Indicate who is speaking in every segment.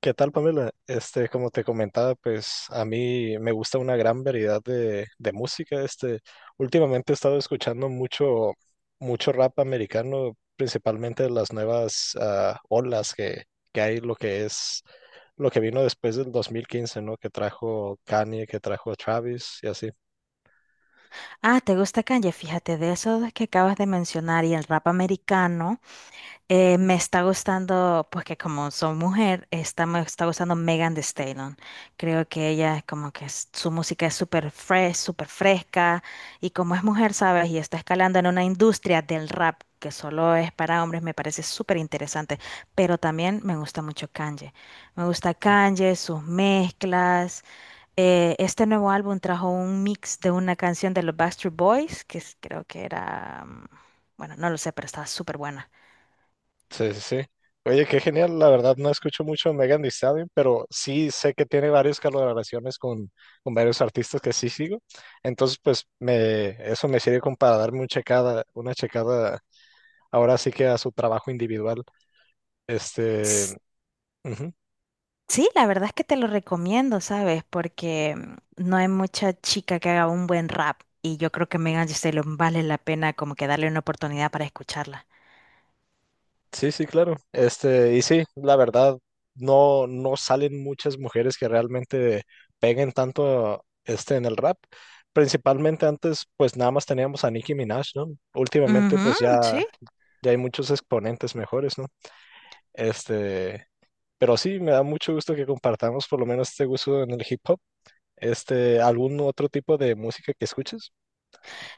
Speaker 1: ¿Qué tal, Pamela? Este, como te comentaba, pues a mí me gusta una gran variedad de música. Este, últimamente he estado escuchando mucho, mucho rap americano, principalmente de las nuevas olas que hay, lo que es, lo que vino después del 2015, ¿no? Que trajo Kanye, que trajo Travis y así.
Speaker 2: Ah, ¿te gusta Kanye? Fíjate, de esos que acabas de mencionar y el rap americano, me está gustando, pues que como soy mujer, me está gustando Megan Thee Stallion. Creo que ella es como que su música es súper fresh, súper fresca, y como es mujer, ¿sabes? Y está escalando en una industria del rap que solo es para hombres, me parece súper interesante. Pero también me gusta mucho Kanye. Me gusta Kanye, sus mezclas. Este nuevo álbum trajo un mix de una canción de los Backstreet Boys, que creo que era, bueno, no lo sé, pero estaba súper buena.
Speaker 1: Sí, sí, sí. Oye, qué genial. La verdad no escucho mucho a Megan Thee Stallion, pero sí sé que tiene varias colaboraciones con varios artistas que sí sigo. Entonces, pues eso me sirve como para darme una checada ahora sí que a su trabajo individual. Este,
Speaker 2: S-
Speaker 1: ujú.
Speaker 2: Sí, la verdad es que te lo recomiendo, ¿sabes? Porque no hay mucha chica que haga un buen rap y yo creo que Megan Thee Stallion vale la pena como que darle una oportunidad para escucharla.
Speaker 1: Sí, sí, claro. Este, y sí, la verdad no, no salen muchas mujeres que realmente peguen tanto este en el rap. Principalmente antes, pues nada más teníamos a Nicki Minaj, ¿no? Últimamente,
Speaker 2: Ujú,
Speaker 1: pues ya
Speaker 2: sí.
Speaker 1: ya hay muchos exponentes mejores, ¿no? Este, pero sí, me da mucho gusto que compartamos por lo menos este gusto en el hip hop. Este, ¿algún otro tipo de música que escuches?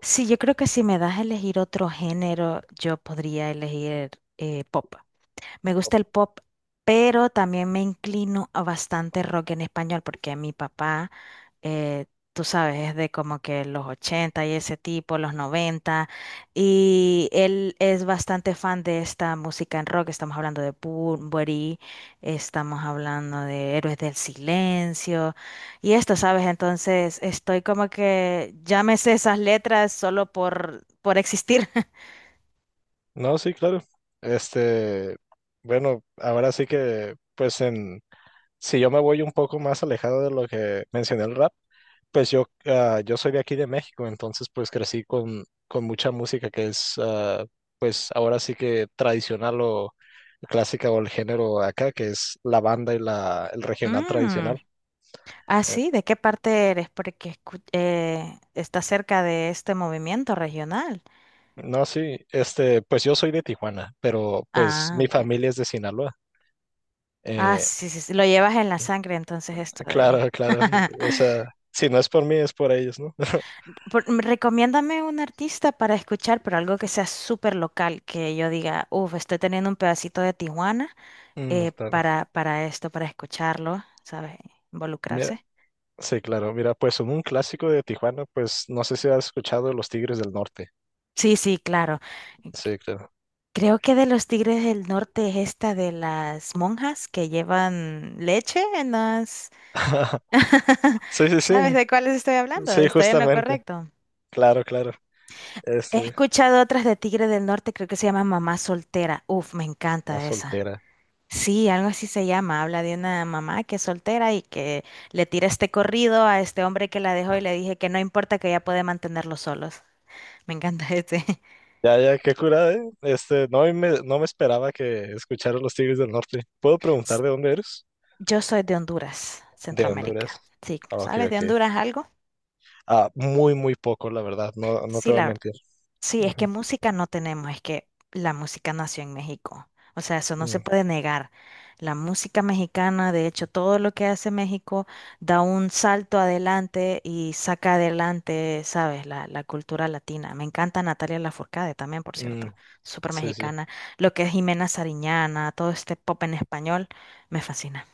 Speaker 2: Sí, yo creo que si me das a elegir otro género, yo podría elegir pop. Me gusta
Speaker 1: Ok.
Speaker 2: el pop, pero también me inclino a bastante rock en español porque mi papá, eh, tú sabes, es de como que los 80 y ese tipo, los 90, y él es bastante fan de esta música en rock. Estamos hablando de Bunbury, estamos hablando de Héroes del Silencio y esto, ¿sabes? Entonces estoy como que ya me sé esas letras solo por existir.
Speaker 1: No, sí, claro. Este, bueno, ahora sí que, pues en si yo me voy un poco más alejado de lo que mencioné el rap, pues yo soy de aquí de México, entonces pues crecí con mucha música que es pues ahora sí que tradicional o clásica o el género acá, que es la banda y el regional
Speaker 2: Mm.
Speaker 1: tradicional.
Speaker 2: Ah,
Speaker 1: Eh,
Speaker 2: sí, ¿de qué parte eres? Porque está cerca de este movimiento regional.
Speaker 1: no, sí, este, pues yo soy de Tijuana, pero pues
Speaker 2: Ah,
Speaker 1: mi
Speaker 2: ok.
Speaker 1: familia es de Sinaloa.
Speaker 2: Ah,
Speaker 1: Eh,
Speaker 2: sí, sí, sí, lo llevas en la sangre entonces esto de...
Speaker 1: claro, claro, o sea, si no es por mí es por ellos, ¿no?
Speaker 2: Recomiéndame un artista para escuchar, pero algo que sea súper local, que yo diga, uff, estoy teniendo un pedacito de Tijuana
Speaker 1: Mm, claro.
Speaker 2: para esto, para escucharlo, ¿sabes?
Speaker 1: Mira,
Speaker 2: Involucrarse.
Speaker 1: sí, claro. Mira, pues en un clásico de Tijuana, pues no sé si has escuchado Los Tigres del Norte.
Speaker 2: Sí, sí, claro.
Speaker 1: Sí, claro.
Speaker 2: Creo que de los Tigres del Norte es esta de las monjas que llevan leche en las...
Speaker 1: Sí, sí,
Speaker 2: ¿Sabes
Speaker 1: sí.
Speaker 2: de cuáles estoy hablando?
Speaker 1: Sí,
Speaker 2: Estoy en lo
Speaker 1: justamente.
Speaker 2: correcto.
Speaker 1: Claro, claro.
Speaker 2: He
Speaker 1: Este,
Speaker 2: escuchado otras de Tigre del Norte, creo que se llama Mamá Soltera. Uf, me
Speaker 1: la
Speaker 2: encanta esa.
Speaker 1: soltera.
Speaker 2: Sí, algo así se llama. Habla de una mamá que es soltera y que le tira este corrido a este hombre que la dejó y le dije que no importa que ella puede mantenerlos solos. Me encanta este.
Speaker 1: Ya, ya, qué curada, ¿eh? Este, no me esperaba que escucharas Los Tigres del Norte. ¿Puedo preguntar de dónde eres?
Speaker 2: Yo soy de Honduras,
Speaker 1: De Honduras.
Speaker 2: Centroamérica. Sí,
Speaker 1: Ah, ok,
Speaker 2: ¿sabes de
Speaker 1: ok.
Speaker 2: Honduras algo?
Speaker 1: Ah, muy, muy poco, la verdad. No, no te
Speaker 2: Sí,
Speaker 1: voy a
Speaker 2: la verdad.
Speaker 1: mentir.
Speaker 2: Sí, es que
Speaker 1: Ujú.
Speaker 2: música no tenemos, es que la música nació en México. O sea, eso no se
Speaker 1: Mm,
Speaker 2: puede negar. La música mexicana, de hecho, todo lo que hace México da un salto adelante y saca adelante, ¿sabes? La cultura latina. Me encanta Natalia Lafourcade también, por
Speaker 1: mm,
Speaker 2: cierto, súper
Speaker 1: sí, sí.
Speaker 2: mexicana. Lo que es Jimena Sariñana, todo este pop en español, me fascina.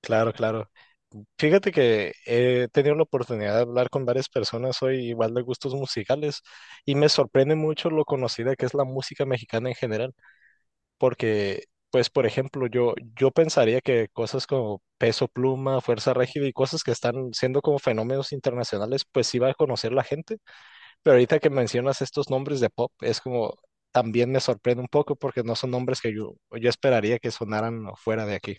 Speaker 1: Claro, claro. Fíjate que he tenido la oportunidad de hablar con varias personas hoy, igual de gustos musicales, y me sorprende mucho lo conocida que es la música mexicana en general, porque, pues, por ejemplo, yo pensaría que cosas como Peso Pluma, Fuerza Régida y cosas que están siendo como fenómenos internacionales, pues iba a conocer la gente, pero ahorita que mencionas estos nombres de pop, es como, también me sorprende un poco porque no son nombres que yo esperaría que sonaran fuera de aquí.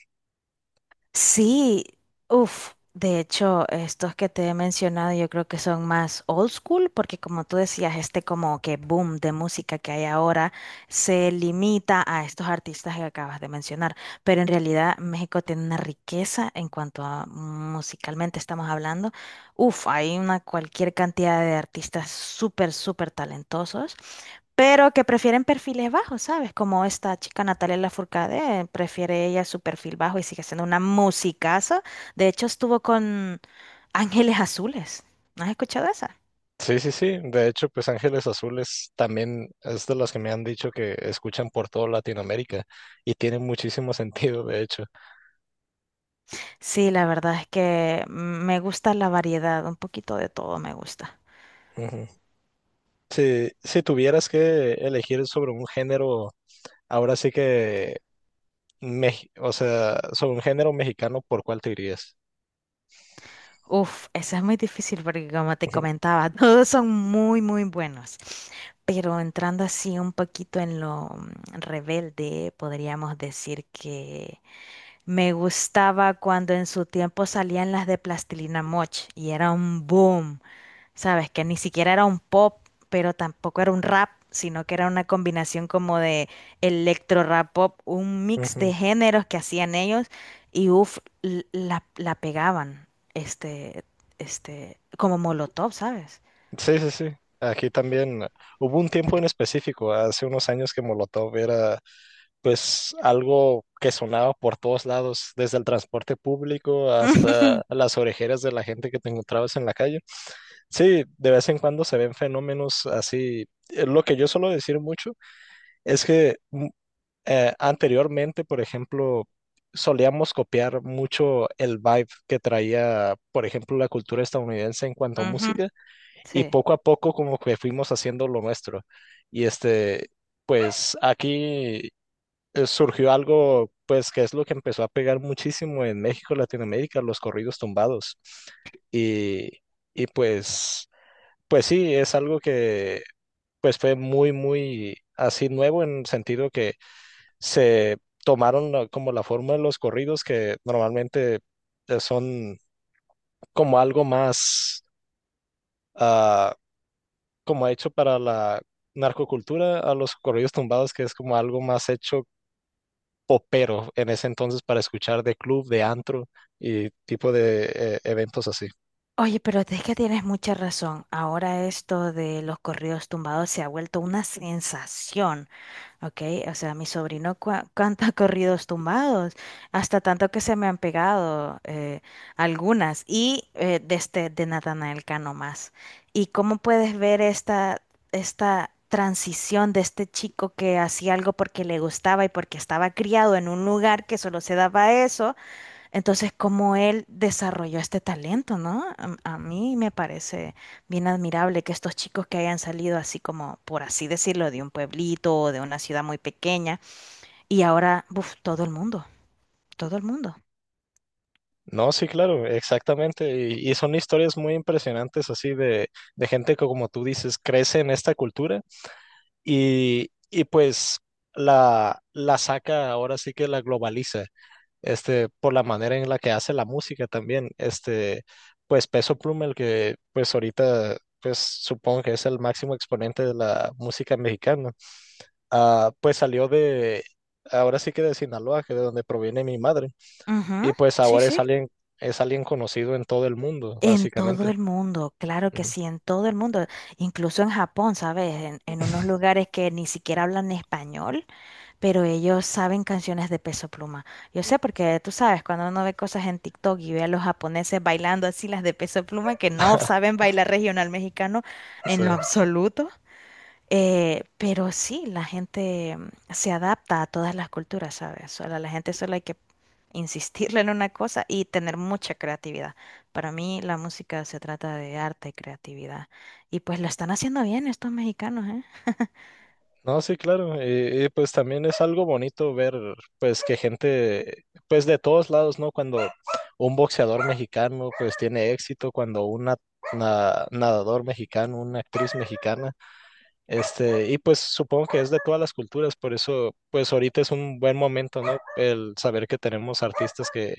Speaker 2: Sí, uff, de hecho, estos que te he mencionado yo creo que son más old school, porque como tú decías, este como que boom de música que hay ahora se limita a estos artistas que acabas de mencionar, pero en realidad México tiene una riqueza en cuanto a musicalmente estamos hablando. Uff, hay una cualquier cantidad de artistas súper, súper talentosos pero que prefieren perfiles bajos, ¿sabes? Como esta chica Natalia Lafourcade, prefiere ella su perfil bajo y sigue siendo una musicaza. De hecho, estuvo con Ángeles Azules. ¿No has escuchado esa?
Speaker 1: Sí, sí, sí. De hecho, pues Ángeles Azules también es de las que me han dicho que escuchan por toda Latinoamérica y tiene muchísimo sentido, de hecho.
Speaker 2: Sí, la verdad es que me gusta la variedad, un poquito de todo me gusta.
Speaker 1: Ujú. Si, si tuvieras que elegir sobre un género, ahora sí que, o sea, sobre un género mexicano, ¿por cuál te irías?
Speaker 2: Uf, esa es muy difícil porque como te
Speaker 1: Ujú.
Speaker 2: comentaba, todos son muy, muy buenos. Pero entrando así un poquito en lo rebelde, podríamos decir que me gustaba cuando en su tiempo salían las de Plastilina Moch y era un boom, ¿sabes? Que ni siquiera era un pop, pero tampoco era un rap, sino que era una combinación como de electro rap pop, un mix de
Speaker 1: Ujú.
Speaker 2: géneros que hacían ellos y uff, la pegaban, este, este, como Molotov, ¿sabes?
Speaker 1: Sí, sí, sí. Aquí también hubo un tiempo en específico, hace unos años que Molotov era pues algo que sonaba por todos lados, desde el transporte público hasta las orejeras de la gente que te encontrabas en la calle. Sí, de vez en cuando se ven fenómenos así. Lo que yo suelo decir mucho es que anteriormente, por ejemplo, solíamos copiar mucho el vibe que traía, por ejemplo, la cultura estadounidense en cuanto a
Speaker 2: Ujú,
Speaker 1: música, y
Speaker 2: sí.
Speaker 1: poco a poco como que fuimos haciendo lo nuestro. Y este, pues aquí surgió algo, pues, que es lo que empezó a pegar muchísimo en México, Latinoamérica, los corridos tumbados. Y, y pues, sí, es algo que pues fue muy, muy así nuevo en el sentido que se tomaron como la forma de los corridos que normalmente son como algo más ah, como hecho para la narcocultura, a los corridos tumbados, que es como algo más hecho popero en ese entonces para escuchar de club, de antro y tipo de eventos así.
Speaker 2: Oye, pero es que tienes mucha razón. Ahora esto de los corridos tumbados se ha vuelto una sensación. Ok, o sea, mi sobrino canta corridos tumbados, hasta tanto que se me han pegado algunas, y de este, de Natanael Cano más. ¿Y cómo puedes ver esta transición de este chico que hacía algo porque le gustaba y porque estaba criado en un lugar que solo se daba eso? Entonces, cómo él desarrolló este talento, ¿no? A mí me parece bien admirable que estos chicos que hayan salido así como, por así decirlo, de un pueblito o de una ciudad muy pequeña y ahora, buf, todo el mundo, todo el mundo.
Speaker 1: No, sí, claro, exactamente. Y son historias muy impresionantes así de gente que, como tú dices, crece en esta cultura y pues la saca, ahora sí que la globaliza, este, por la manera en la que hace la música también. Este, pues Peso Pluma, el que pues ahorita, pues supongo que es el máximo exponente de la música mexicana pues salió de, ahora sí que de Sinaloa, que de donde proviene mi madre,
Speaker 2: Ujú,
Speaker 1: y pues
Speaker 2: sí,
Speaker 1: ahora
Speaker 2: sí.
Speaker 1: es alguien conocido en todo el mundo,
Speaker 2: En todo
Speaker 1: básicamente.
Speaker 2: el mundo, claro que
Speaker 1: Ujú.
Speaker 2: sí, en todo el mundo, incluso en Japón, ¿sabes? En unos lugares que ni siquiera hablan español. Pero ellos saben canciones de Peso Pluma. Yo sé porque tú sabes, cuando uno ve cosas en TikTok y ve a los japoneses bailando así las de Peso Pluma que no saben bailar regional mexicano
Speaker 1: Sí.
Speaker 2: en lo absoluto, pero sí, la gente se adapta a todas las culturas, ¿sabes? Solo, a la gente solo hay que insistirle en una cosa y tener mucha creatividad. Para mí la música se trata de arte y creatividad. Y pues lo están haciendo bien estos mexicanos, ¿eh?
Speaker 1: No, sí, claro, y, pues también es algo bonito ver, pues que gente, pues de todos lados, ¿no? Cuando un boxeador mexicano, pues tiene éxito, cuando nadador mexicano, una actriz mexicana. Este, y pues supongo que es de todas las culturas, por eso pues ahorita es un buen momento, ¿no? El saber que tenemos artistas que,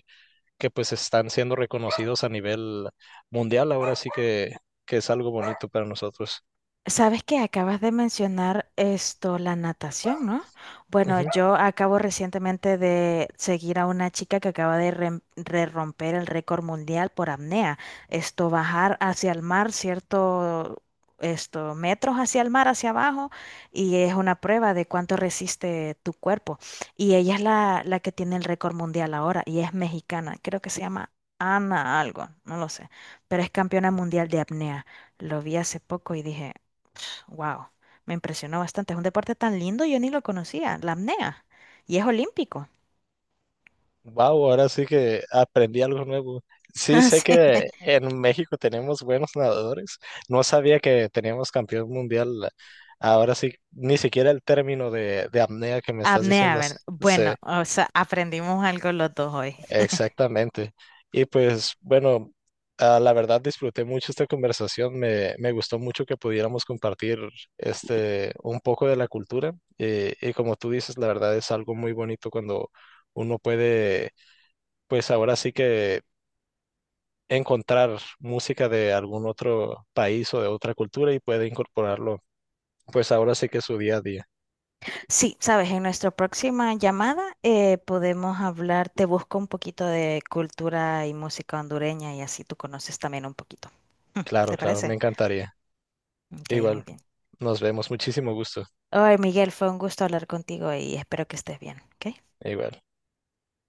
Speaker 1: que pues están siendo reconocidos a nivel mundial, ahora sí que es algo bonito para nosotros.
Speaker 2: Sabes que acabas de mencionar esto, la natación, ¿no? Bueno,
Speaker 1: Ujú.
Speaker 2: yo acabo recientemente de seguir a una chica que acaba de romper el récord mundial por apnea. Esto, bajar hacia el mar, cierto, esto, metros hacia el mar, hacia abajo, y es una prueba de cuánto resiste tu cuerpo. Y ella es la que tiene el récord mundial ahora, y es mexicana. Creo que se llama Ana algo, no lo sé, pero es campeona mundial de apnea. Lo vi hace poco y dije... Wow, me impresionó bastante. Es un deporte tan lindo, yo ni lo conocía, la apnea. Y es olímpico.
Speaker 1: Wow, ahora sí que aprendí algo nuevo. Sí,
Speaker 2: Ah,
Speaker 1: sé
Speaker 2: sí,
Speaker 1: que en México tenemos buenos nadadores. No sabía que teníamos campeón mundial. Ahora sí, ni siquiera el término de apnea que me estás
Speaker 2: apnea,
Speaker 1: diciendo.
Speaker 2: ¿verdad?
Speaker 1: Sí,
Speaker 2: Bueno, o sea, aprendimos algo los dos hoy.
Speaker 1: exactamente. Y pues bueno, la verdad disfruté mucho esta conversación. Me gustó mucho que pudiéramos compartir este un poco de la cultura. Y, como tú dices, la verdad es algo muy bonito cuando uno puede, pues ahora sí que encontrar música de algún otro país o de otra cultura y puede incorporarlo, pues ahora sí que es su día a día.
Speaker 2: Sí, sabes, en nuestra próxima llamada podemos hablar, te busco un poquito de cultura y música hondureña y así tú conoces también un poquito. Mm.
Speaker 1: Claro,
Speaker 2: ¿Te
Speaker 1: claro, me
Speaker 2: parece?
Speaker 1: encantaría.
Speaker 2: Ok, muy
Speaker 1: Igual,
Speaker 2: bien.
Speaker 1: nos vemos. Muchísimo gusto.
Speaker 2: Hoy, Miguel, fue un gusto hablar contigo y espero que estés bien, ¿ok?
Speaker 1: Igual.